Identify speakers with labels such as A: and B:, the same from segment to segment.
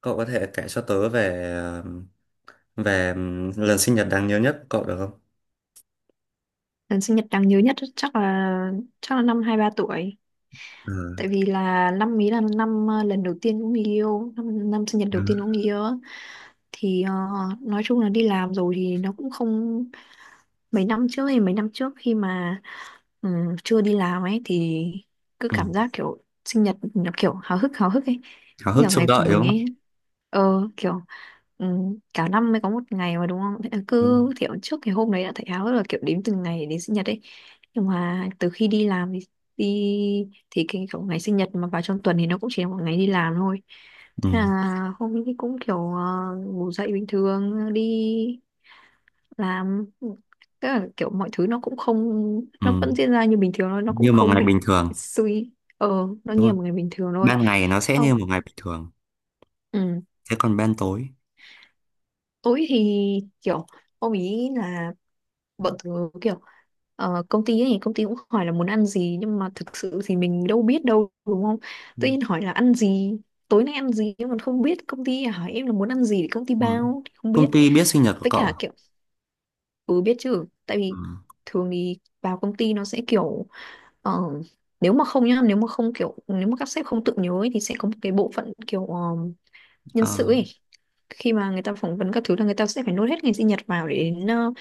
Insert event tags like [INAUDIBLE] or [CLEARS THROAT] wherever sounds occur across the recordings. A: Cậu có thể kể cho tớ về về lần sinh nhật đáng nhớ nhất của cậu được không?
B: Lần sinh nhật đáng nhớ nhất chắc là năm 23 tuổi.
A: Ờ,
B: Tại vì là năm ý là năm lần đầu tiên cũng người yêu, năm sinh nhật
A: ờ,
B: đầu tiên cũng người yêu á. Thì nói chung là đi làm rồi thì nó cũng không... Mấy năm trước khi mà ừ, chưa đi làm ấy, thì cứ
A: ừ.
B: cảm giác kiểu sinh nhật nó kiểu háo hức ấy,
A: Háo hức
B: kiểu
A: trông
B: ngày của
A: đợi
B: mình
A: đúng không?
B: ấy, ờ kiểu ừ, cả năm mới có một ngày mà, đúng không? Thế là
A: Ừ.
B: cứ kiểu trước cái hôm đấy đã thấy háo hức, là kiểu đếm từng ngày đến sinh nhật ấy. Nhưng mà từ khi đi làm thì đi thì cái kiểu ngày sinh nhật mà vào trong tuần thì nó cũng chỉ là một ngày đi làm thôi.
A: Ừ.
B: Thế là hôm ấy thì cũng kiểu ngủ dậy bình thường đi làm. Tức là kiểu mọi thứ nó cũng không, nó
A: Ừ.
B: vẫn diễn ra như bình thường thôi, nó cũng
A: Như một
B: không
A: ngày
B: bị
A: bình thường.
B: suy ờ nó
A: Đúng
B: như là
A: không?
B: một ngày bình thường thôi.
A: Ban ngày nó sẽ
B: Không.
A: như một ngày bình thường. Thế còn ban tối.
B: Tối thì kiểu ông ý là bọn tớ kiểu ờ, công ty ấy, công ty cũng hỏi là muốn ăn gì, nhưng mà thực sự thì mình đâu biết đâu, đúng không?
A: Ừ.
B: Tự nhiên hỏi là ăn gì tối nay ăn gì, nhưng mà không biết, công ty hỏi em là muốn ăn gì thì công ty
A: Ừ.
B: bao thì không
A: Công
B: biết.
A: ty biết sinh nhật của
B: Với
A: cậu
B: cả
A: à?
B: kiểu ừ, biết chứ, tại
A: Ừ.
B: vì thường thì vào công ty nó sẽ kiểu ờ, nếu mà không nhá nếu mà không kiểu nếu mà các sếp không tự nhớ ấy, thì sẽ có một cái bộ phận kiểu nhân
A: Ờ,
B: sự ấy. Khi mà người ta phỏng vấn các thứ là người ta sẽ phải nốt hết ngày sinh nhật vào, để đến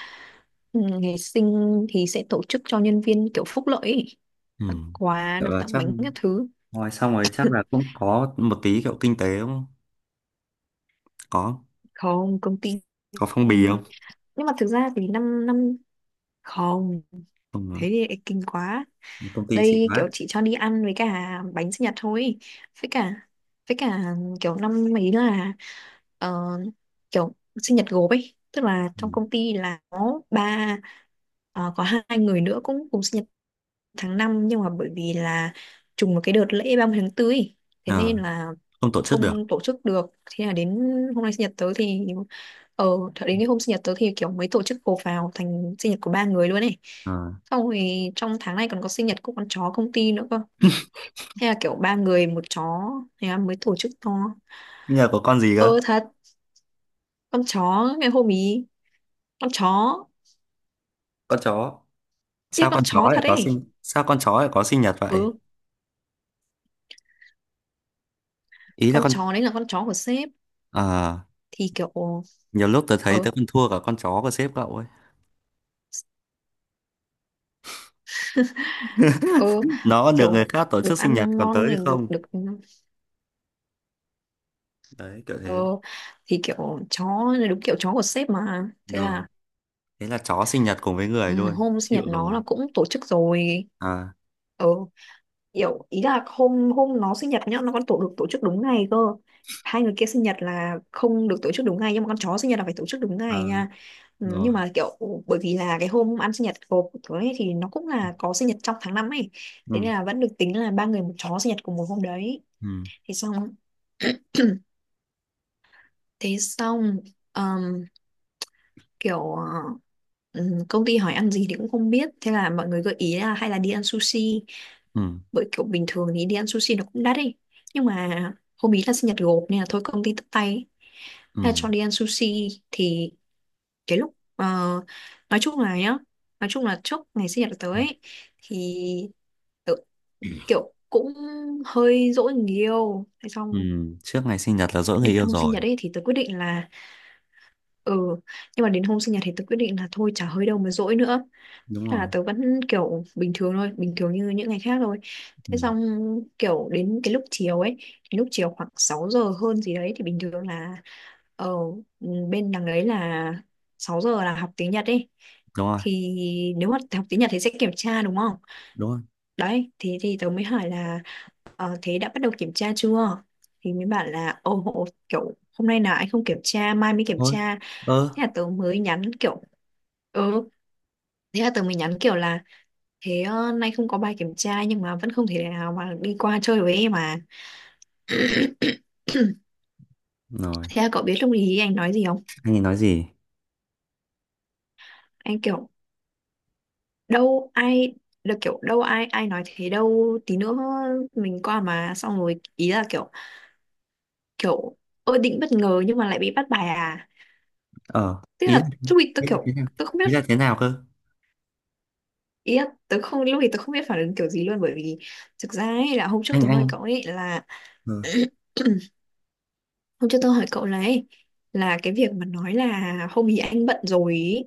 B: ừ, ngày sinh thì sẽ tổ chức cho nhân viên, kiểu phúc lợi ấy.
A: ừ.
B: Quà
A: Kiểu
B: nó,
A: là
B: tặng
A: chắc
B: bánh các thứ.
A: ngoài xong rồi chắc
B: [LAUGHS]
A: là cũng có một tí kiểu kinh tế đúng không? Có
B: Không, công ty
A: có phong bì không?
B: nhưng mà thực ra thì năm năm không, thế
A: Không,
B: thì lại kinh quá.
A: à. Công ty xịn
B: Đây kiểu
A: quá.
B: chị cho đi ăn với cả bánh sinh nhật thôi. Với cả với cả kiểu năm ấy là ờ, kiểu sinh nhật gộp ấy, tức là
A: Ừ.
B: trong công ty là có ba, có hai người nữa cũng cùng sinh nhật tháng năm, nhưng mà bởi vì là trùng một cái đợt lễ 30 tháng 4 ý. Thế
A: Ờ,
B: nên là
A: không tổ chức được.
B: không tổ chức được. Thế là đến hôm nay sinh nhật tớ thì ờ thật đến cái hôm sinh nhật tớ thì kiểu mới tổ chức cồ vào thành sinh nhật của ba người luôn này.
A: Ờ.
B: Xong rồi trong tháng này còn có sinh nhật của con chó công ty nữa cơ. Thế là kiểu ba người một chó, thế là mới tổ chức to.
A: Sinh nhật của con gì cơ?
B: Ờ thật, con chó ngày hôm ý, con chó,
A: Con chó
B: tiếc con chó thật ấy.
A: sao con chó lại có sinh nhật vậy?
B: Ừ,
A: Ý là
B: con
A: con.
B: chó đấy là con chó của sếp
A: À,
B: thì kiểu
A: nhiều lúc tớ thấy
B: ờ
A: tớ còn thua cả con chó của sếp cậu ấy,
B: ừ,
A: nó được
B: kiểu
A: người khác tổ
B: được
A: chức sinh nhật
B: ăn
A: còn tớ
B: ngon
A: thì
B: rồi, được
A: không.
B: được ừ.
A: Đấy kiểu
B: ờ,
A: thế.
B: thì kiểu chó, đúng kiểu chó của sếp mà, thế
A: Rồi,
B: là
A: thế là chó sinh nhật cùng với người
B: ừ,
A: luôn
B: hôm sinh
A: chịu
B: nhật nó là
A: rồi.
B: cũng tổ chức rồi.
A: À,
B: Ừ, kiểu ý là hôm hôm nó sinh nhật nhá, nó còn tổ chức đúng ngày cơ. Hai người kia sinh nhật là không được tổ chức đúng ngày, nhưng mà con chó sinh nhật là phải tổ chức đúng
A: à.
B: ngày nha. Ừ,
A: Rồi.
B: nhưng mà kiểu bởi vì là cái hôm ăn sinh nhật của ấy, thì nó cũng là có sinh nhật trong tháng năm ấy, thế nên
A: Ừ.
B: là vẫn được tính là ba người một chó sinh nhật cùng một hôm đấy.
A: Ừ.
B: Thế xong [CLEARS THROAT] thế xong ờm, kiểu ờ, công ty hỏi ăn gì thì cũng không biết, thế là mọi người gợi ý là hay là đi ăn sushi.
A: Ừ.
B: Bởi kiểu bình thường thì đi ăn sushi nó cũng đắt đi, nhưng mà hôm ý là sinh nhật gộp nên là thôi công ty tất tay ấy. Thế là
A: Ừ.
B: cho đi ăn sushi. Thì cái lúc nói chung là nhá, nói chung là trước ngày sinh nhật tới
A: Ừ.
B: ấy, thì tớ kiểu cũng hơi dỗi người yêu. Thế
A: Ừ.
B: xong
A: Trước ngày sinh nhật là dỗ người
B: đến
A: yêu
B: hôm sinh
A: rồi.
B: nhật ấy thì tớ quyết định là ừ, nhưng mà đến hôm sinh nhật thì tớ quyết định là thôi chả hơi đâu mà dỗi nữa.
A: Đúng
B: Thế là
A: rồi.
B: tớ vẫn kiểu bình thường thôi, bình thường như những ngày khác thôi.
A: Ừ.
B: Thế xong kiểu đến cái lúc chiều ấy, cái lúc chiều khoảng 6 giờ hơn gì đấy, thì bình thường là ở bên đằng đấy là 6 giờ là học tiếng Nhật ấy.
A: Đúng rồi.
B: Thì nếu mà học tiếng Nhật thì sẽ kiểm tra, đúng không?
A: Đúng rồi.
B: Đấy, thì tớ mới hỏi là thế đã bắt đầu kiểm tra chưa? Thì mới bảo là ồ, ồ, kiểu hôm nay là anh không kiểm tra, mai mới kiểm
A: Thôi.
B: tra.
A: Ơ.
B: Thế là tớ mới nhắn kiểu ừ, thế là tớ mới nhắn kiểu là thế nay không có bài kiểm tra nhưng mà vẫn không thể nào mà đi qua chơi với em mà. [CLEARS THROAT]
A: Rồi,
B: Thế là cậu biết lúc ý anh nói gì không?
A: anh ấy nói gì?
B: Anh kiểu đâu ai được, kiểu đâu ai ai nói thế đâu, tí nữa mình qua mà, xong rồi ý là kiểu, kiểu ơ định bất ngờ nhưng mà lại bị bắt bài à.
A: Ờ,
B: Tức
A: ý là.
B: là lúc ý tôi
A: Ý là
B: kiểu
A: thế nào?
B: tôi không
A: Ý
B: biết,
A: là thế nào cơ?
B: ý là tôi không lúc ý tôi không biết phản ứng kiểu gì luôn, bởi vì thực ra ấy là hôm trước
A: anh
B: tôi hỏi
A: anh
B: cậu ấy là
A: Ừ.
B: [CLEARS THROAT] hôm trước tôi hỏi cậu này, là cái việc mà nói là hôm ý anh bận rồi ý,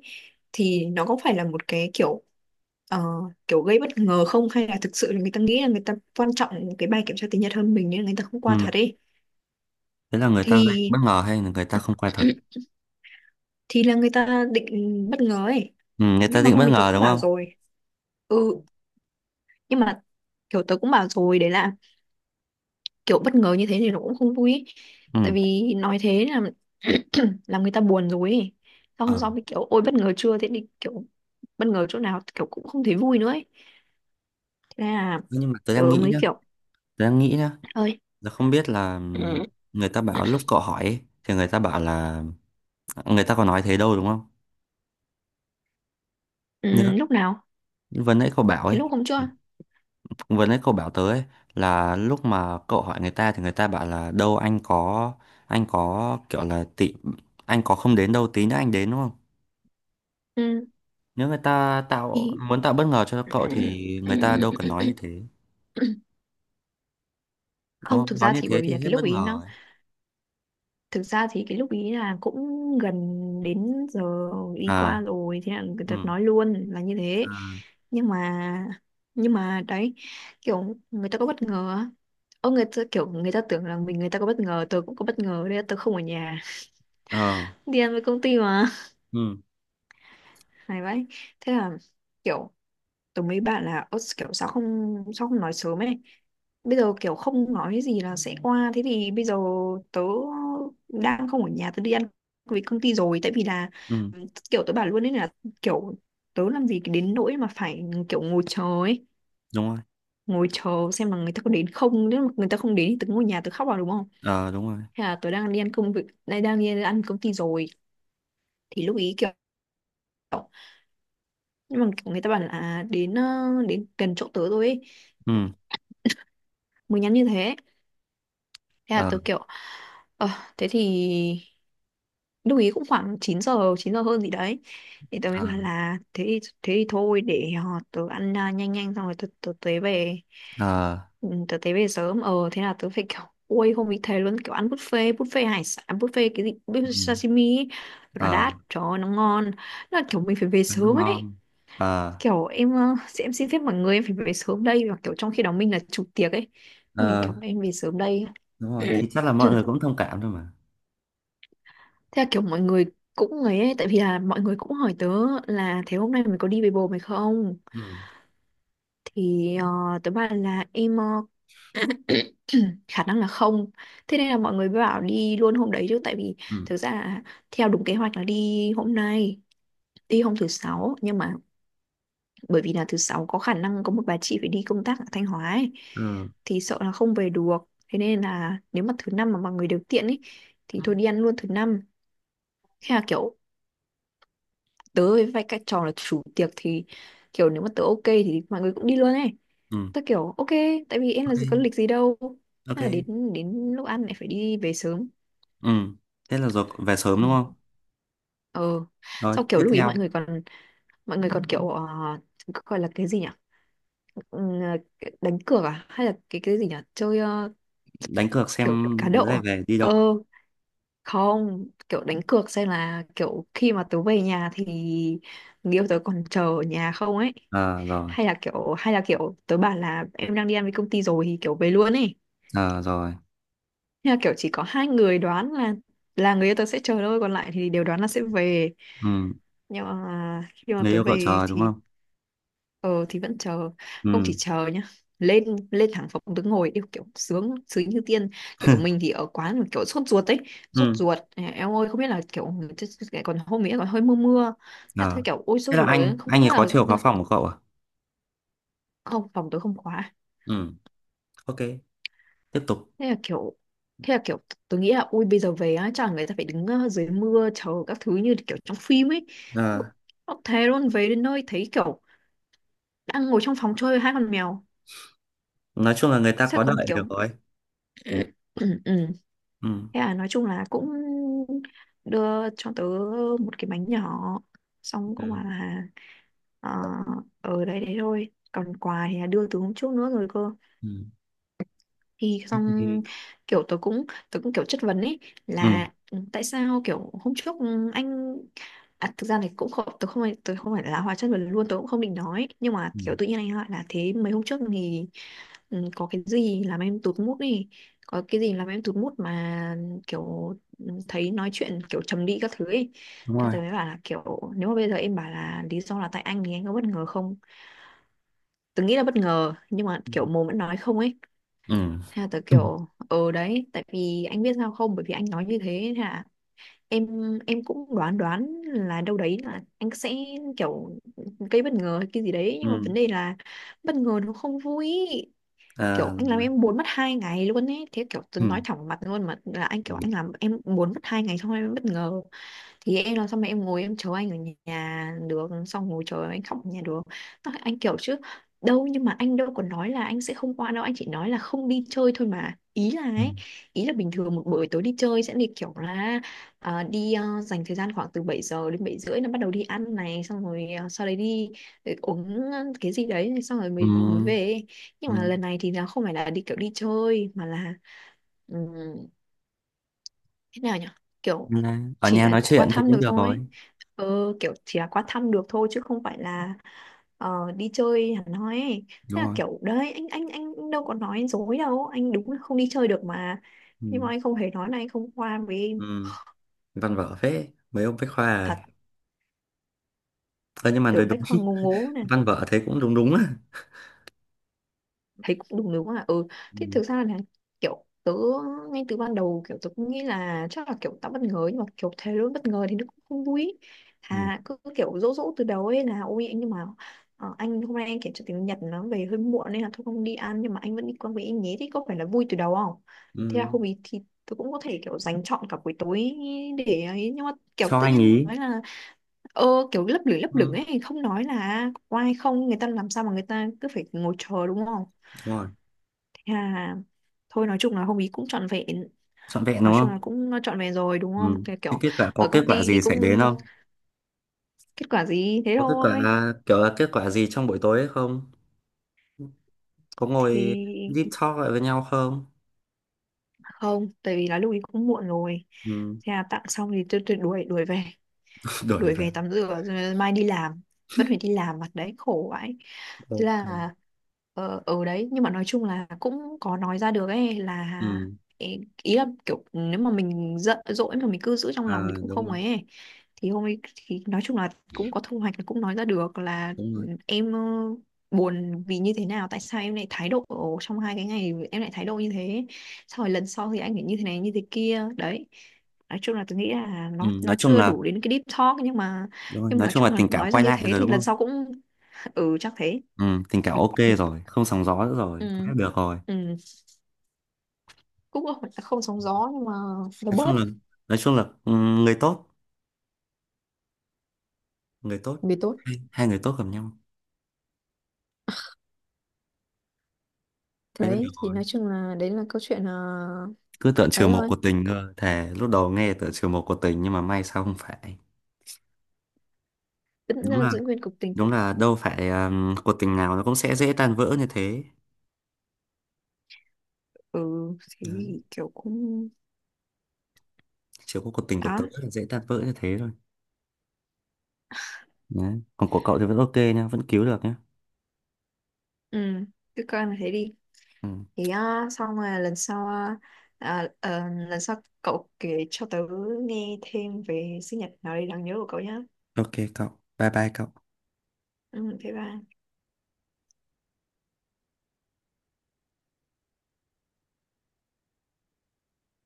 B: thì nó có phải là một cái kiểu ờ, kiểu gây bất ngờ không, hay là thực sự là người ta nghĩ là người ta quan trọng cái bài kiểm tra tiếng Nhật hơn mình nên người ta không qua
A: Ừ.
B: thật ấy.
A: Thế là người ta gây
B: Thì
A: bất ngờ hay là người ta không quay thật?
B: [CLEARS THROAT] thì là người ta định bất ngờ ấy,
A: Ừ, người ta
B: nhưng mà
A: định
B: hôm
A: bất
B: ý tớ
A: ngờ
B: cũng
A: đúng
B: bảo
A: không?
B: rồi. Ừ, nhưng mà kiểu tớ cũng bảo rồi đấy, là kiểu bất ngờ như thế thì nó cũng không vui ý.
A: Ừ.
B: Tại vì nói thế là [CLEARS THROAT] làm người ta buồn rồi ý. Sau hôm
A: Ờ.
B: sau mới kiểu ôi bất ngờ chưa, thế thì kiểu bất ngờ chỗ nào, kiểu cũng không thấy vui nữa ấy. Thế là
A: Nhưng mà tớ
B: tớ
A: đang nghĩ
B: mới
A: nhá,
B: kiểu
A: tớ đang nghĩ nhá
B: ơi
A: tớ không biết là
B: ừ,
A: người ta bảo lúc cậu hỏi ấy, thì người ta bảo là người ta có nói thế đâu đúng không? Nhớ
B: ừ, lúc nào,
A: vừa nãy cậu bảo
B: thế
A: ấy,
B: lúc hôm chưa.
A: vừa nãy cậu bảo tớ ấy, là lúc mà cậu hỏi người ta thì người ta bảo là đâu anh có, anh có kiểu là tị, anh có không đến đâu tí nữa anh đến đúng không?
B: Ừ,
A: Nếu người ta tạo
B: thì
A: muốn tạo bất ngờ cho cậu thì người ta đâu cần nói như thế.
B: [LAUGHS] [CLEARS THROAT]
A: Đúng
B: không,
A: không?
B: thực
A: Nói
B: ra
A: như
B: thì bởi
A: thế
B: vì
A: thì
B: là
A: hết
B: cái lúc
A: bất
B: ý
A: ngờ
B: nó...
A: rồi.
B: Thực ra thì cái lúc ý là cũng gần đến giờ đi qua
A: À,
B: rồi, thế là người
A: ừ,
B: ta nói luôn là như thế.
A: à,
B: Nhưng mà đấy, kiểu người ta có bất ngờ á. Ô người ta kiểu người ta tưởng là mình, người ta có bất ngờ, tớ cũng có bất ngờ đấy, tớ không ở nhà,
A: ờ,
B: [LAUGHS] đi ăn với công ty mà.
A: ừ,
B: [LAUGHS] Này vậy thế là kiểu tớ mấy bạn là "Ơ, kiểu sao không nói sớm ấy, bây giờ kiểu không nói gì là sẽ qua, thế thì bây giờ tớ đang không ở nhà, tớ đi ăn với công ty rồi." Tại vì là
A: ừ,
B: kiểu tớ bảo luôn ấy, là kiểu tớ làm gì đến nỗi mà phải kiểu ngồi chờ ấy,
A: đúng rồi,
B: ngồi chờ xem là người ta có đến không, nếu mà người ta không đến thì tớ ngồi nhà tớ khóc vào, đúng không?
A: ờ, đúng rồi,
B: Hay là tớ đang đi ăn công việc, đang đang đi ăn công ty rồi. Thì lúc ý kiểu nhưng mà kiểu người ta bảo là à, đến đến gần chỗ tớ rồi ấy,
A: ừ,
B: mới nhắn như thế. Thế là
A: ờ,
B: tớ kiểu ờ thế thì lúc ý cũng khoảng 9 giờ hơn gì đấy, thì tớ mới
A: ờ,
B: bảo là thế thì thôi để họ tớ ăn à, nhanh nhanh xong rồi tớ tới về.
A: ờ,
B: Ừ, tớ tới về sớm. Ờ Thế là tớ phải kiểu ôi không bị thế luôn, kiểu ăn buffet, buffet hải sản, buffet cái gì, buffet
A: ừ,
B: sashimi ấy. Nó
A: ờ,
B: đắt trời ơi, nó ngon. Nó là kiểu mình phải về
A: cái nó
B: sớm ấy,
A: ngon, ờ,
B: kiểu em sẽ- em xin phép mọi người em phải về sớm đây, và kiểu trong khi đó mình là chủ tiệc ấy, mình
A: ờ,
B: kiểu em về sớm đây.
A: đúng rồi, thì chắc là mọi người cũng thông cảm thôi mà.
B: Theo kiểu mọi người cũng ấy, ấy, tại vì là mọi người cũng hỏi tớ là thế hôm nay mình có đi với bồ mày không?
A: Ừ,
B: Thì tớ bảo là em khả năng là không. Thế nên là mọi người mới bảo đi luôn hôm đấy chứ tại vì
A: ừ,
B: thực ra là theo đúng kế hoạch là đi hôm nay, đi hôm thứ sáu, nhưng mà bởi vì là thứ sáu có khả năng có một bà chị phải đi công tác ở Thanh Hóa ấy,
A: ừ,
B: thì sợ là không về được. Thế nên là nếu mà thứ năm mà mọi người đều tiện ấy thì thôi đi ăn luôn thứ năm. Thế là kiểu tớ với vai các trò là chủ tiệc thì kiểu nếu mà tớ ok thì mọi người cũng đi luôn ấy,
A: ừ,
B: tớ kiểu ok tại vì em là
A: ok,
B: gì có lịch gì đâu.
A: ok,
B: Thế là đến đến lúc ăn lại phải đi về sớm.
A: ừ, thế là rồi về sớm
B: Ừ.
A: đúng không?
B: ờ
A: Rồi,
B: Sau kiểu
A: tiếp
B: lúc ý mọi
A: theo,
B: người còn mọi người còn kiểu gọi là cái gì nhỉ, Ừm, đánh cược à hay là cái gì nhỉ, chơi
A: đánh cược
B: kiểu
A: xem
B: cá
A: đứa
B: độ
A: này
B: à?
A: về đi
B: ờ
A: đâu.
B: Không, kiểu đánh cược xem là kiểu khi mà tớ về nhà thì người yêu tớ còn chờ ở nhà không ấy,
A: Ờ, rồi,
B: hay là kiểu tớ bảo là em đang đi ăn với công ty rồi thì kiểu về luôn ấy.
A: ờ, rồi,
B: Thế là kiểu chỉ có hai người đoán là người yêu tớ sẽ chờ thôi, còn lại thì đều đoán là sẽ về.
A: ừ,
B: Nhưng mà khi mà
A: người
B: tớ
A: yêu cậu
B: về
A: chờ đúng
B: thì
A: không?
B: ờ thì vẫn chờ, không chỉ
A: Ừ,
B: chờ nhá, lên lên thẳng phòng đứng ngồi yêu kiểu sướng sướng như tiên, kiểu
A: [LAUGHS]
B: mình thì ở quán mà kiểu sốt ruột ấy, sốt
A: ừ.
B: ruột. Ờ, em ơi, không biết là kiểu còn hôm ấy còn hơi mưa mưa. Thế thôi
A: Ờ.
B: kiểu ôi
A: Thế
B: sốt
A: là
B: ruột
A: anh,
B: ấy, không
A: anh
B: không
A: ấy
B: biết là
A: có chiều khóa phòng của cậu à?
B: không, phòng tôi không khóa.
A: Ừ, ok, tiếp tục.
B: Thế là kiểu thế là kiểu tôi nghĩ là ui bây giờ về á chẳng người ta phải đứng dưới mưa chờ các thứ như kiểu trong phim ấy.
A: Ờ,
B: Nó thế luôn, về đến nơi thấy kiểu đang ngồi trong phòng chơi với hai con mèo.
A: nói chung là người ta
B: Sao
A: có
B: còn
A: đợi
B: kiểu
A: được rồi.
B: [CLEARS THROAT] ừ, ừ.
A: Ừ,
B: Thế là nói chung là cũng đưa cho tớ một cái bánh nhỏ, xong cũng
A: ừ,
B: bảo là ờ ở đấy đấy thôi, còn quà thì là đưa từ hôm trước nữa rồi cơ.
A: ừ.
B: Thì xong
A: Thì-
B: kiểu tớ cũng kiểu chất vấn ấy,
A: ừ,
B: là ừ, tại sao kiểu hôm trước ừ, anh à, thực ra này cũng không, tớ không phải là hóa chất vấn luôn, tớ cũng không định nói, nhưng mà
A: ừ,
B: kiểu tự nhiên anh hỏi là thế mấy hôm trước thì ừ, có cái gì làm em tụt mood đi, có cái gì làm em tụt mood mà kiểu ừ, thấy nói chuyện kiểu trầm đi các thứ ấy.
A: đúng
B: Thế
A: rồi.
B: tớ mới bảo là kiểu nếu mà bây giờ em bảo là lý do là tại anh thì anh có bất ngờ không, tớ nghĩ là bất ngờ nhưng mà
A: Ừ,
B: kiểu mồm vẫn nói không ấy.
A: ừ,
B: Thế là tớ
A: ừ.
B: kiểu ờ đấy, tại vì anh biết sao không, bởi vì anh nói như thế hả, em em cũng đoán đoán là đâu đấy là anh sẽ kiểu gây bất ngờ hay cái gì đấy, nhưng mà vấn
A: Ừ.
B: đề là bất ngờ nó không vui,
A: À,
B: kiểu
A: đúng
B: anh làm
A: rồi.
B: em buồn mất 2 ngày luôn ấy. Thế kiểu tớ
A: Ừ,
B: nói thẳng mặt luôn mà là anh
A: ừ,
B: kiểu anh làm em buồn mất hai ngày xong em bất ngờ thì em làm sao mà em ngồi em chờ anh ở nhà được, xong ngồi chờ anh khóc ở nhà được. Nó- anh kiểu chứ đâu, nhưng mà anh đâu có nói là anh sẽ không qua đâu, anh chỉ nói là không đi chơi thôi mà, ý là
A: ừ.
B: ấy, ý là bình thường một buổi tối đi chơi sẽ đi kiểu là đi dành thời gian khoảng từ 7 giờ đến 7 rưỡi là bắt đầu đi ăn này, xong rồi sau đấy đi uống cái gì đấy xong rồi
A: Ừ.
B: mới mới về. Nhưng
A: Ừ.
B: mà lần này thì nó không phải là đi kiểu đi chơi mà là thế nào nhỉ, kiểu
A: Là ở
B: chỉ
A: nhà
B: là
A: nói
B: qua
A: chuyện thì
B: thăm
A: cũng
B: được
A: được rồi.
B: thôi, ừ, kiểu chỉ là qua thăm được thôi chứ không phải là đi chơi hẳn hoi ấy. Thế
A: Đúng
B: là
A: rồi.
B: kiểu đấy anh đâu có nói dối đâu, anh đúng là không đi chơi được mà,
A: Ừ,
B: nhưng mà anh không hề nói là anh không qua với em.
A: ừ. Văn vở phết, mấy ông bách khoa rồi.
B: Thật,
A: Ờ, nhưng mà nói
B: tưởng
A: đúng,
B: Bách Khoa ngố
A: [LAUGHS]
B: ngố,
A: văn vở thấy cũng đúng đúng à.
B: thấy cũng đúng đúng à, ừ.
A: Ừ,
B: Thế thực ra là kiểu tớ ngay từ ban đầu kiểu tớ cũng nghĩ là chắc là kiểu tao bất ngờ ấy, nhưng mà kiểu thế luôn bất ngờ thì nó cũng không vui ý.
A: ừ,
B: À cứ cứ kiểu dỗ dỗ từ đầu ấy là ôi anh, nhưng mà anh hôm nay anh kiểm tra tiếng Nhật nó về hơi muộn nên là thôi không đi ăn, nhưng mà anh vẫn đi qua với anh nhé, thì có phải là vui từ đầu không. Thế là
A: ừ.
B: hôm ý thì tớ cũng có thể kiểu dành trọn cả buổi tối để ấy, nhưng mà kiểu
A: Cho
B: tự
A: anh
B: nhiên
A: ý.
B: nói là ờ kiểu lấp lửng
A: Ừ,
B: ấy, không nói là có ai không, người ta làm sao mà người ta cứ phải ngồi chờ đúng không.
A: đúng rồi.
B: À, thôi nói chung là hôm ý cũng trọn vẹn,
A: Trọn vẹn
B: nói
A: đúng
B: chung
A: không?
B: là cũng trọn vẹn rồi đúng không,
A: Ừ.
B: cái
A: Cái
B: kiểu
A: kết quả có
B: ở
A: kết
B: công
A: quả
B: ty thì
A: gì xảy
B: cũng
A: đến không?
B: kết quả gì thế
A: Có kết
B: thôi.
A: quả? Kiểu là kết quả gì trong buổi tối ấy không, có ngồi
B: Thì
A: deep talk lại với nhau không?
B: không, tại vì là lúc ý cũng muộn rồi,
A: Ừ.
B: thế là tặng xong thì tôi đuổi đuổi về,
A: [LAUGHS] Đổi
B: đuổi
A: về.
B: về tắm rửa rồi mai đi làm, vẫn phải đi làm mặt đấy khổ vậy. Thế
A: Ok.
B: là ở đấy, nhưng mà nói chung là cũng có nói ra được ấy, là
A: Ừ.
B: ý ý là kiểu nếu mà mình giận dỗi mà mình cứ giữ trong lòng thì
A: À,
B: cũng
A: đúng
B: không
A: rồi.
B: ấy ấy. Thì hôm ấy thì nói chung là cũng có thu hoạch, cũng nói ra được là
A: Đúng
B: ừ,
A: rồi.
B: em buồn vì như thế nào, tại sao em lại thái độ trong 2 cái ngày em lại thái độ như thế, sau rồi lần sau thì anh phải như thế này như thế kia đấy. Nói chung là tôi nghĩ là
A: Ừ.
B: nó
A: Nói chung
B: chưa
A: là
B: đủ đến cái deep talk,
A: đúng rồi.
B: nhưng mà
A: Nói
B: nói
A: chung là
B: chung là
A: Tình cảm
B: nói ra
A: quay
B: như
A: lại
B: thế
A: rồi
B: thì
A: đúng
B: lần
A: không?
B: sau cũng [LAUGHS] ừ chắc thế.
A: Ừ. Tình cảm ok
B: [LAUGHS]
A: rồi, không sóng gió nữa rồi,
B: Ừ.
A: thế được rồi.
B: Ừ, cũng không không sóng gió nhưng mà nó
A: nói chung
B: bớt,
A: là nói chung là ừ, người tốt, người tốt
B: vì tốt.
A: hai người tốt gặp nhau, thế là
B: Đấy
A: được
B: thì
A: rồi.
B: nói chung là đấy là câu chuyện. uh,
A: Cứ tưởng
B: Ấy
A: trừ một
B: thôi,
A: của tình cơ, thề lúc đầu nghe tưởng trừ một của tình nhưng mà may sao không phải.
B: vẫn
A: đúng
B: là
A: là
B: giữ nguyên cục tình.
A: đúng là đâu phải cuộc tình nào nó cũng sẽ dễ tan vỡ như thế.
B: Ừ, thế
A: Đấy.
B: thì kiểu cũng
A: Chỉ có cuộc tình của tớ
B: đó.
A: là dễ tan vỡ như thế thôi. Đấy. Còn của cậu thì vẫn ok nha, vẫn cứu được nhá.
B: Ừ, cứ coi là thế đi.
A: Ừ.
B: Thì à, xong rồi lần sau à, à, ờ, lần sau cậu kể cho tớ nghe thêm về sinh nhật nào đấy đáng nhớ của cậu nhá.
A: Ok cậu. Bye bye cậu.
B: Ừ thế ba.